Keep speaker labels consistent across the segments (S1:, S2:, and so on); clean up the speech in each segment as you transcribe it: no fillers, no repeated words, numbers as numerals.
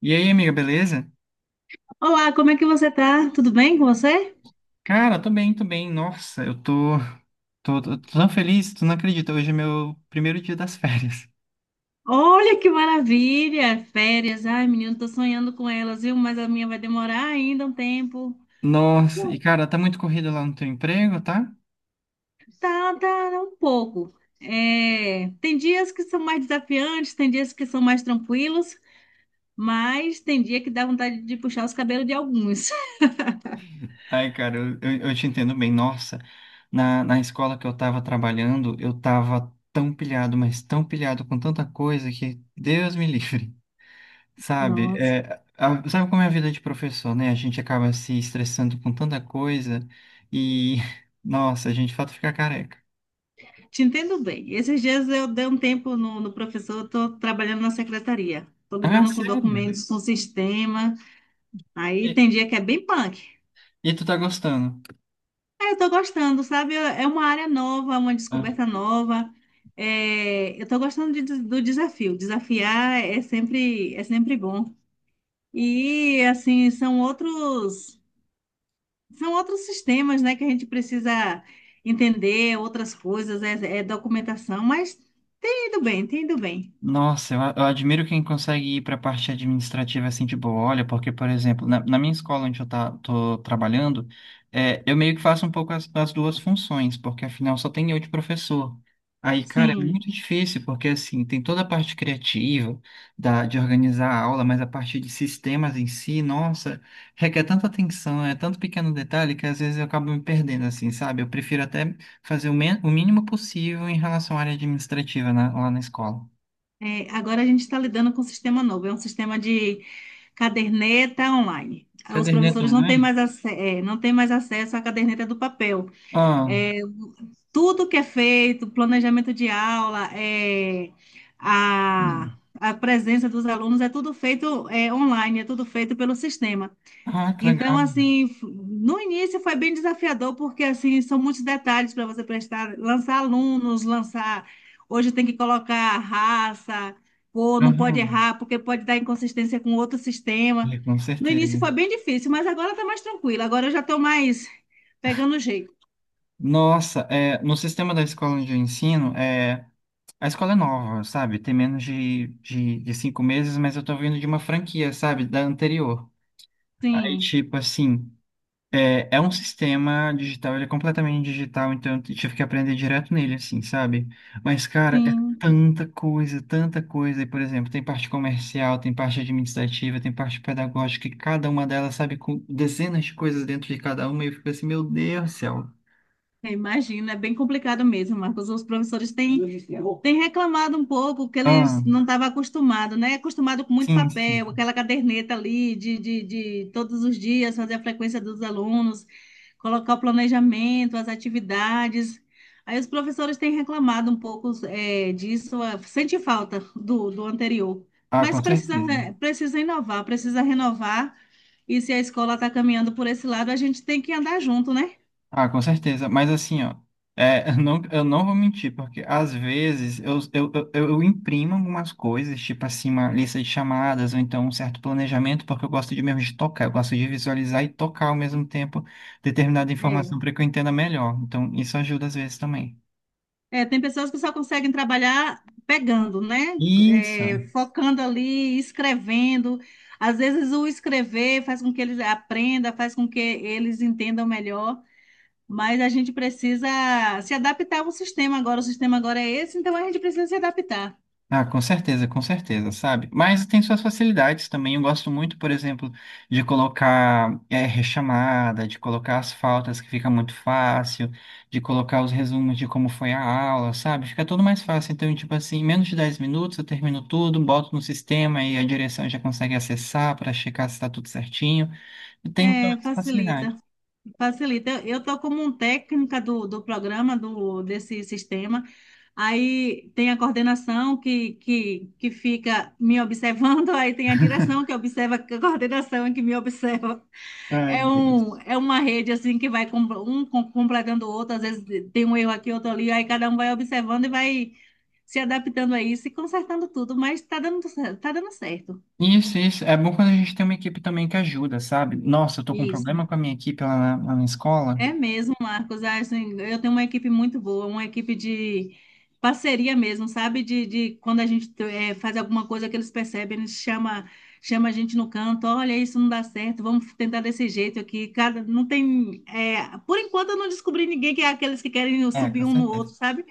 S1: E aí, amiga, beleza?
S2: Olá, como é que você tá? Tudo bem com você?
S1: Cara, tô bem, tô bem. Nossa, eu tô tão feliz, tu não acredita. Hoje é meu primeiro dia das férias.
S2: Olha que maravilha! Férias. Ai, menino, tô sonhando com elas, viu? Mas a minha vai demorar ainda um tempo.
S1: Nossa, e
S2: Pô,
S1: cara, tá muito corrido lá no teu emprego, tá?
S2: Tá, um pouco. É, tem dias que são mais desafiantes, tem dias que são mais tranquilos, mas tem dia que dá vontade de puxar os cabelos de alguns.
S1: Ai, cara, eu te entendo bem. Nossa, na escola que eu tava trabalhando, eu tava tão pilhado, mas tão pilhado com tanta coisa que Deus me livre, sabe?
S2: Nossa,
S1: É, sabe como é a vida de professor, né? A gente acaba se estressando com tanta coisa e, nossa, a gente de fato fica careca.
S2: te entendo bem. Esses dias eu dei um tempo no professor, estou trabalhando na secretaria, estou
S1: Ah,
S2: lidando com
S1: sério?
S2: documentos, com sistema. Aí
S1: E,
S2: tem dia que é bem punk.
S1: e tu tá gostando?
S2: É, eu tô gostando, sabe? É uma área nova, uma
S1: Tá?
S2: descoberta nova. É, eu tô gostando do desafio. Desafiar é sempre bom. E, assim, são outros sistemas, né, que a gente precisa entender, outras coisas, é, é documentação, mas tem ido bem.
S1: Nossa, eu admiro quem consegue ir para a parte administrativa assim de boa. Olha, porque, por exemplo, na minha escola onde eu tô trabalhando, é, eu meio que faço um pouco as duas funções, porque afinal só tem eu de professor. Aí, cara, é
S2: Sim.
S1: muito difícil, porque assim, tem toda a parte criativa da, de organizar a aula, mas a parte de sistemas em si, nossa, requer tanta atenção, é tanto pequeno detalhe que às vezes eu acabo me perdendo, assim, sabe? Eu prefiro até fazer o mínimo possível em relação à área administrativa lá na escola.
S2: É, agora a gente está lidando com um sistema novo, é um sistema de caderneta online. Os
S1: Caderneta
S2: professores não têm
S1: online?
S2: mais, não têm mais acesso à caderneta do papel.
S1: Ah,
S2: É, tudo que é feito, planejamento de aula, é, a,
S1: hum.
S2: a presença dos alunos, é tudo feito é, online, é tudo feito pelo sistema.
S1: Ah, que
S2: Então,
S1: legal.
S2: assim, no início foi bem desafiador, porque, assim, são muitos detalhes para você prestar, lançar alunos, lançar. Hoje tem que colocar raça, cor, não pode
S1: Aham.
S2: errar, porque pode dar inconsistência com outro sistema.
S1: É, com
S2: No
S1: certeza.
S2: início foi bem difícil, mas agora está mais tranquilo. Agora eu já estou mais pegando o jeito.
S1: Nossa, é, no sistema da escola onde eu ensino, é, a escola é nova, sabe? Tem menos de 5 meses, mas eu tô vindo de uma franquia, sabe? Da anterior. Aí,
S2: Sim.
S1: tipo assim. É, é um sistema digital, ele é completamente digital, então eu tive que aprender direto nele, assim, sabe? Mas, cara, é
S2: Sim,
S1: tanta coisa, tanta coisa. E, por exemplo, tem parte comercial, tem parte administrativa, tem parte pedagógica, e cada uma delas, sabe, com dezenas de coisas dentro de cada uma, e eu fico assim, meu Deus do céu.
S2: eu imagino, é bem complicado mesmo, Marcos. Os professores têm reclamado um pouco que
S1: Ah,
S2: eles não estavam acostumados, né? Acostumado com muito
S1: sim, sim.
S2: papel, aquela caderneta ali de todos os dias fazer a frequência dos alunos, colocar o planejamento, as atividades. Aí os professores têm reclamado um pouco é, disso, ah, sente falta do anterior.
S1: Ah,
S2: Mas
S1: com
S2: precisa,
S1: certeza.
S2: né, precisa inovar, precisa renovar. E se a escola está caminhando por esse lado, a gente tem que andar junto, né?
S1: Ah, com certeza. Mas assim, ó, é, eu não vou mentir, porque às vezes eu imprimo algumas coisas, tipo assim, uma lista de chamadas, ou então um certo planejamento, porque eu gosto de mesmo de tocar, eu gosto de visualizar e tocar ao mesmo tempo determinada informação
S2: É.
S1: para que eu entenda melhor. Então, isso ajuda às vezes também.
S2: É, tem pessoas que só conseguem trabalhar pegando, né? É,
S1: Isso.
S2: focando ali, escrevendo. Às vezes o escrever faz com que eles aprendam, faz com que eles entendam melhor, mas a gente precisa se adaptar ao sistema agora. O sistema agora é esse, então a gente precisa se adaptar.
S1: Ah, com certeza, sabe? Mas tem suas facilidades também. Eu gosto muito, por exemplo, de colocar rechamada, de colocar as faltas que fica muito fácil, de colocar os resumos de como foi a aula, sabe? Fica tudo mais fácil. Então, tipo assim, em menos de 10 minutos eu termino tudo, boto no sistema e a direção já consegue acessar para checar se está tudo certinho. E tem toda
S2: É,
S1: essa facilidade.
S2: facilita. Facilita. Eu estou como um técnica do programa, do, desse sistema. Aí tem a coordenação que fica me observando, aí tem a direção que observa a coordenação e que me observa.
S1: Ai,
S2: É,
S1: Deus.
S2: um, é uma rede assim que vai completando o outro, às vezes tem um erro aqui, outro ali, aí cada um vai observando e vai se adaptando a isso e consertando tudo, mas está tá dando certo.
S1: Isso, isso. É bom quando a gente tem uma equipe também que ajuda, sabe? Nossa, eu tô com um
S2: Isso.
S1: problema com a minha equipe lá na escola.
S2: É mesmo, Marcos. Ah, assim, eu tenho uma equipe muito boa, uma equipe de parceria mesmo, sabe? De quando a gente eh, faz alguma coisa que eles percebem, chama a gente no canto, olha, isso não dá certo, vamos tentar desse jeito aqui. Cada, não tem, eh, por enquanto eu não descobri ninguém que é aqueles que querem
S1: É, com
S2: subir um no
S1: certeza.
S2: outro, sabe?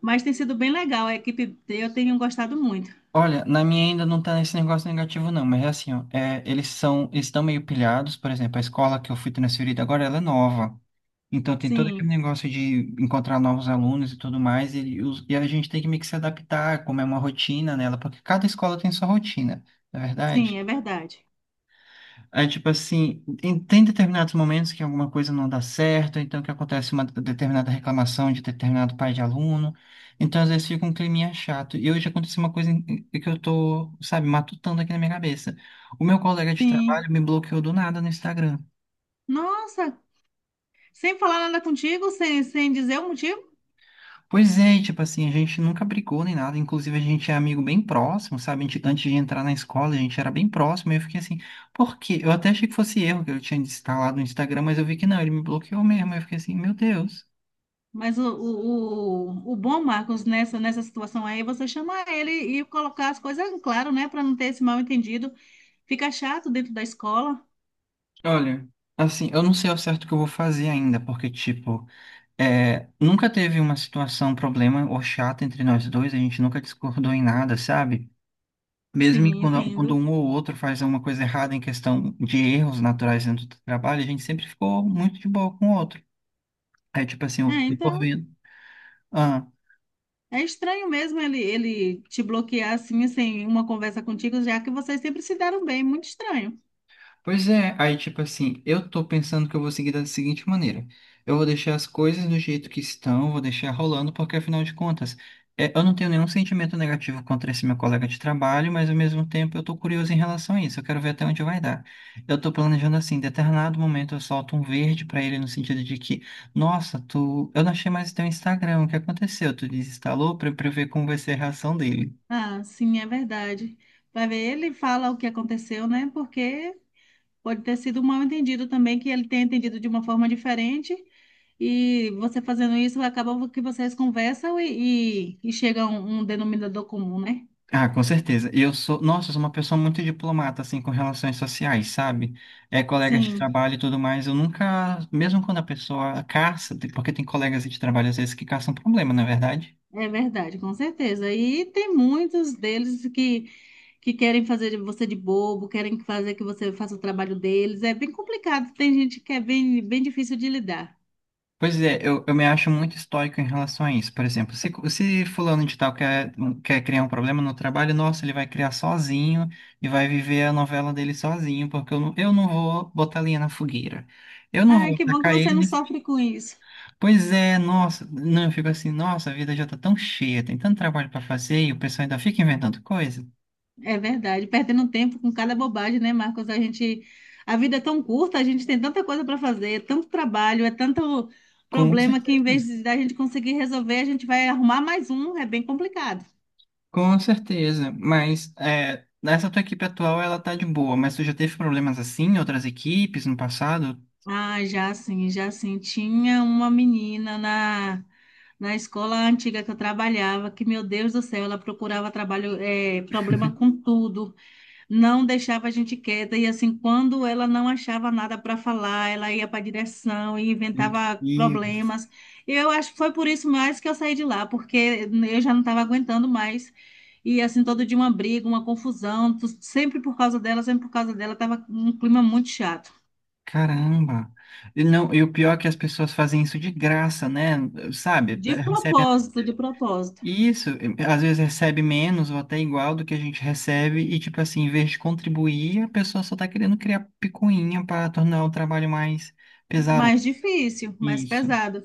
S2: Mas tem sido bem legal, a equipe, eu tenho gostado muito.
S1: Olha, na minha ainda não tá nesse negócio negativo, não, mas é assim, ó, é, eles estão meio pilhados, por exemplo, a escola que eu fui transferida agora, ela é nova. Então tem todo aquele
S2: Sim,
S1: negócio de encontrar novos alunos e tudo mais, e, e a gente tem que meio que se adaptar, como é uma rotina nela, porque cada escola tem sua rotina, não é
S2: sim,
S1: verdade?
S2: é verdade.
S1: É tipo assim, tem determinados momentos que alguma coisa não dá certo, então que acontece uma determinada reclamação de determinado pai de aluno, então às vezes fica um climinha chato. E hoje aconteceu uma coisa que eu tô, sabe, matutando aqui na minha cabeça. O meu colega de
S2: Sim.
S1: trabalho me bloqueou do nada no Instagram.
S2: Nossa, sem falar nada contigo, sem, sem dizer o motivo?
S1: Pois é, e, tipo assim, a gente nunca brigou nem nada, inclusive a gente é amigo bem próximo, sabe? A gente- Antes de entrar na escola, a gente era bem próximo, e eu fiquei assim, por quê? Eu até achei que fosse erro que eu tinha instalado no Instagram, mas eu vi que não, ele me bloqueou mesmo, eu fiquei assim, meu Deus.
S2: Mas o bom, Marcos, nessa situação aí, você chamar ele e colocar as coisas em claro, né? Para não ter esse mal entendido. Fica chato dentro da escola.
S1: Olha, assim, eu não sei ao certo o que eu vou fazer ainda, porque, tipo, é, nunca teve uma situação, problema ou chata entre nós dois, a gente nunca discordou em nada, sabe? Mesmo
S2: Sim,
S1: quando
S2: entendo.
S1: um ou outro faz alguma coisa errada em questão de erros naturais dentro do trabalho, a gente sempre ficou muito de boa com o outro. É tipo assim,
S2: É,
S1: eu tô
S2: então,
S1: vendo. Ah,
S2: é estranho mesmo ele te bloquear assim, sem uma conversa contigo, já que vocês sempre se deram bem. Muito estranho.
S1: pois é, aí tipo assim, eu tô pensando que eu vou seguir da seguinte maneira. Eu vou deixar as coisas do jeito que estão, vou deixar rolando, porque afinal de contas, é, eu não tenho nenhum sentimento negativo contra esse meu colega de trabalho, mas ao mesmo tempo eu tô curioso em relação a isso, eu quero ver até onde vai dar. Eu tô planejando assim, em determinado momento eu solto um verde pra ele no sentido de que, nossa, tu, eu não achei mais teu Instagram, o que aconteceu? Tu desinstalou pra eu ver como vai ser a reação dele.
S2: Ah, sim, é verdade. Vai ver, ele fala o que aconteceu, né? Porque pode ter sido um mal entendido também, que ele tenha entendido de uma forma diferente. E você fazendo isso, acaba que vocês conversam e chega a um, um denominador comum, né?
S1: Ah, com certeza. Nossa, eu sou uma pessoa muito diplomata, assim, com relações sociais, sabe? É, colegas de
S2: Sim,
S1: trabalho e tudo mais. Eu nunca, mesmo quando a pessoa caça, porque tem colegas de trabalho às vezes que caçam problema, não é verdade?
S2: é verdade, com certeza. E tem muitos deles que querem fazer de você de bobo, querem fazer que você faça o trabalho deles. É bem complicado, tem gente que é bem difícil de lidar.
S1: Pois é, eu me acho muito estoico em relação a isso. Por exemplo, se fulano de tal quer criar um problema no trabalho, nossa, ele vai criar sozinho e vai viver a novela dele sozinho, porque eu não vou botar linha na fogueira. Eu não
S2: Ai,
S1: vou
S2: que bom que
S1: atacar
S2: você não
S1: ele.
S2: sofre com isso.
S1: Pois é, nossa, não, eu fico assim, nossa, a vida já tá tão cheia, tem tanto trabalho pra fazer e o pessoal ainda fica inventando coisa.
S2: É verdade, perdendo tempo com cada bobagem, né, Marcos? A gente, a vida é tão curta, a gente tem tanta coisa para fazer, é tanto trabalho, é tanto
S1: Com
S2: problema que em
S1: certeza,
S2: vez de da gente conseguir resolver, a gente vai arrumar mais um, é bem complicado.
S1: com certeza, mas é, essa tua equipe atual, ela tá de boa, mas tu já teve problemas assim em outras equipes no passado?
S2: Ah, já sim, já sim. Tinha uma menina na escola antiga que eu trabalhava, que, meu Deus do céu, ela procurava trabalho, é, problema com tudo. Não deixava a gente quieta e assim, quando ela não achava nada para falar, ela ia para a direção e inventava
S1: E,
S2: problemas. Eu acho que foi por isso mais que eu saí de lá, porque eu já não estava aguentando mais. E assim, todo dia uma briga, uma confusão, sempre por causa dela, sempre por causa dela, tava um clima muito chato.
S1: caramba. E não, e o pior é que as pessoas fazem isso de graça, né? Sabe?
S2: De propósito, de propósito.
S1: E isso, eh, às vezes recebe menos ou até igual do que a gente recebe, e tipo assim, em vez de contribuir, a pessoa só tá querendo criar picuinha para tornar o trabalho mais pesaroso.
S2: Mais difícil, mais
S1: Isso.
S2: pesado.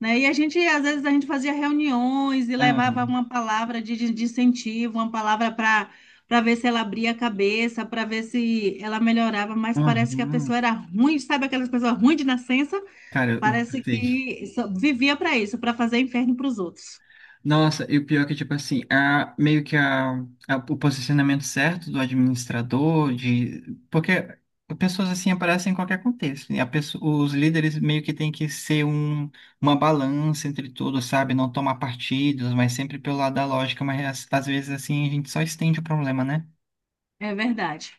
S2: Né? E a gente, às vezes, a gente fazia reuniões e levava
S1: Ah,
S2: uma palavra de incentivo, uma palavra para ver se ela abria a cabeça, para ver se ela melhorava, mas parece que a
S1: aham.
S2: pessoa era ruim, sabe aquelas pessoas ruins de nascença?
S1: Cara, eu
S2: Parece
S1: sei.
S2: que só vivia para isso, para fazer inferno para os outros.
S1: Nossa, e o pior é que, tipo assim, a, meio que o posicionamento certo do administrador, de, porque pessoas assim aparecem em qualquer contexto, né? A pessoa, os líderes meio que têm que ser um, uma balança entre tudo, sabe? Não tomar partidos, mas sempre pelo lado da lógica, mas às vezes assim a gente só estende o problema, né?
S2: É verdade.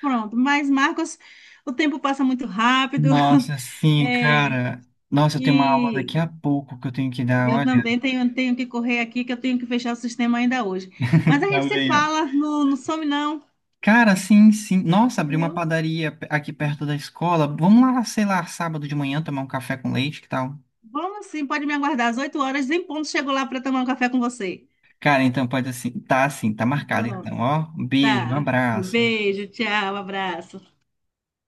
S2: Pronto, mas Marcos, o tempo passa muito rápido.
S1: Nossa, sim,
S2: É,
S1: cara. Nossa, eu tenho uma aula daqui
S2: e
S1: a pouco que eu tenho que dar,
S2: eu
S1: olha.
S2: também tenho que correr aqui, que eu tenho que fechar o sistema ainda hoje. Mas a
S1: Tá
S2: gente se
S1: bem, ó.
S2: fala, não, não some não.
S1: Cara, sim, sim. Nossa, abri uma
S2: Viu?
S1: padaria aqui perto da escola. Vamos lá, sei lá, sábado de manhã tomar um café com leite, que tal?
S2: Vamos sim, pode me aguardar às 8 horas, em ponto chego lá para tomar um café com você.
S1: Cara, então pode assim. Tá assim, tá marcado então,
S2: Pronto,
S1: ó. Um beijo, um
S2: tá.
S1: abraço.
S2: Beijo, tchau, abraço.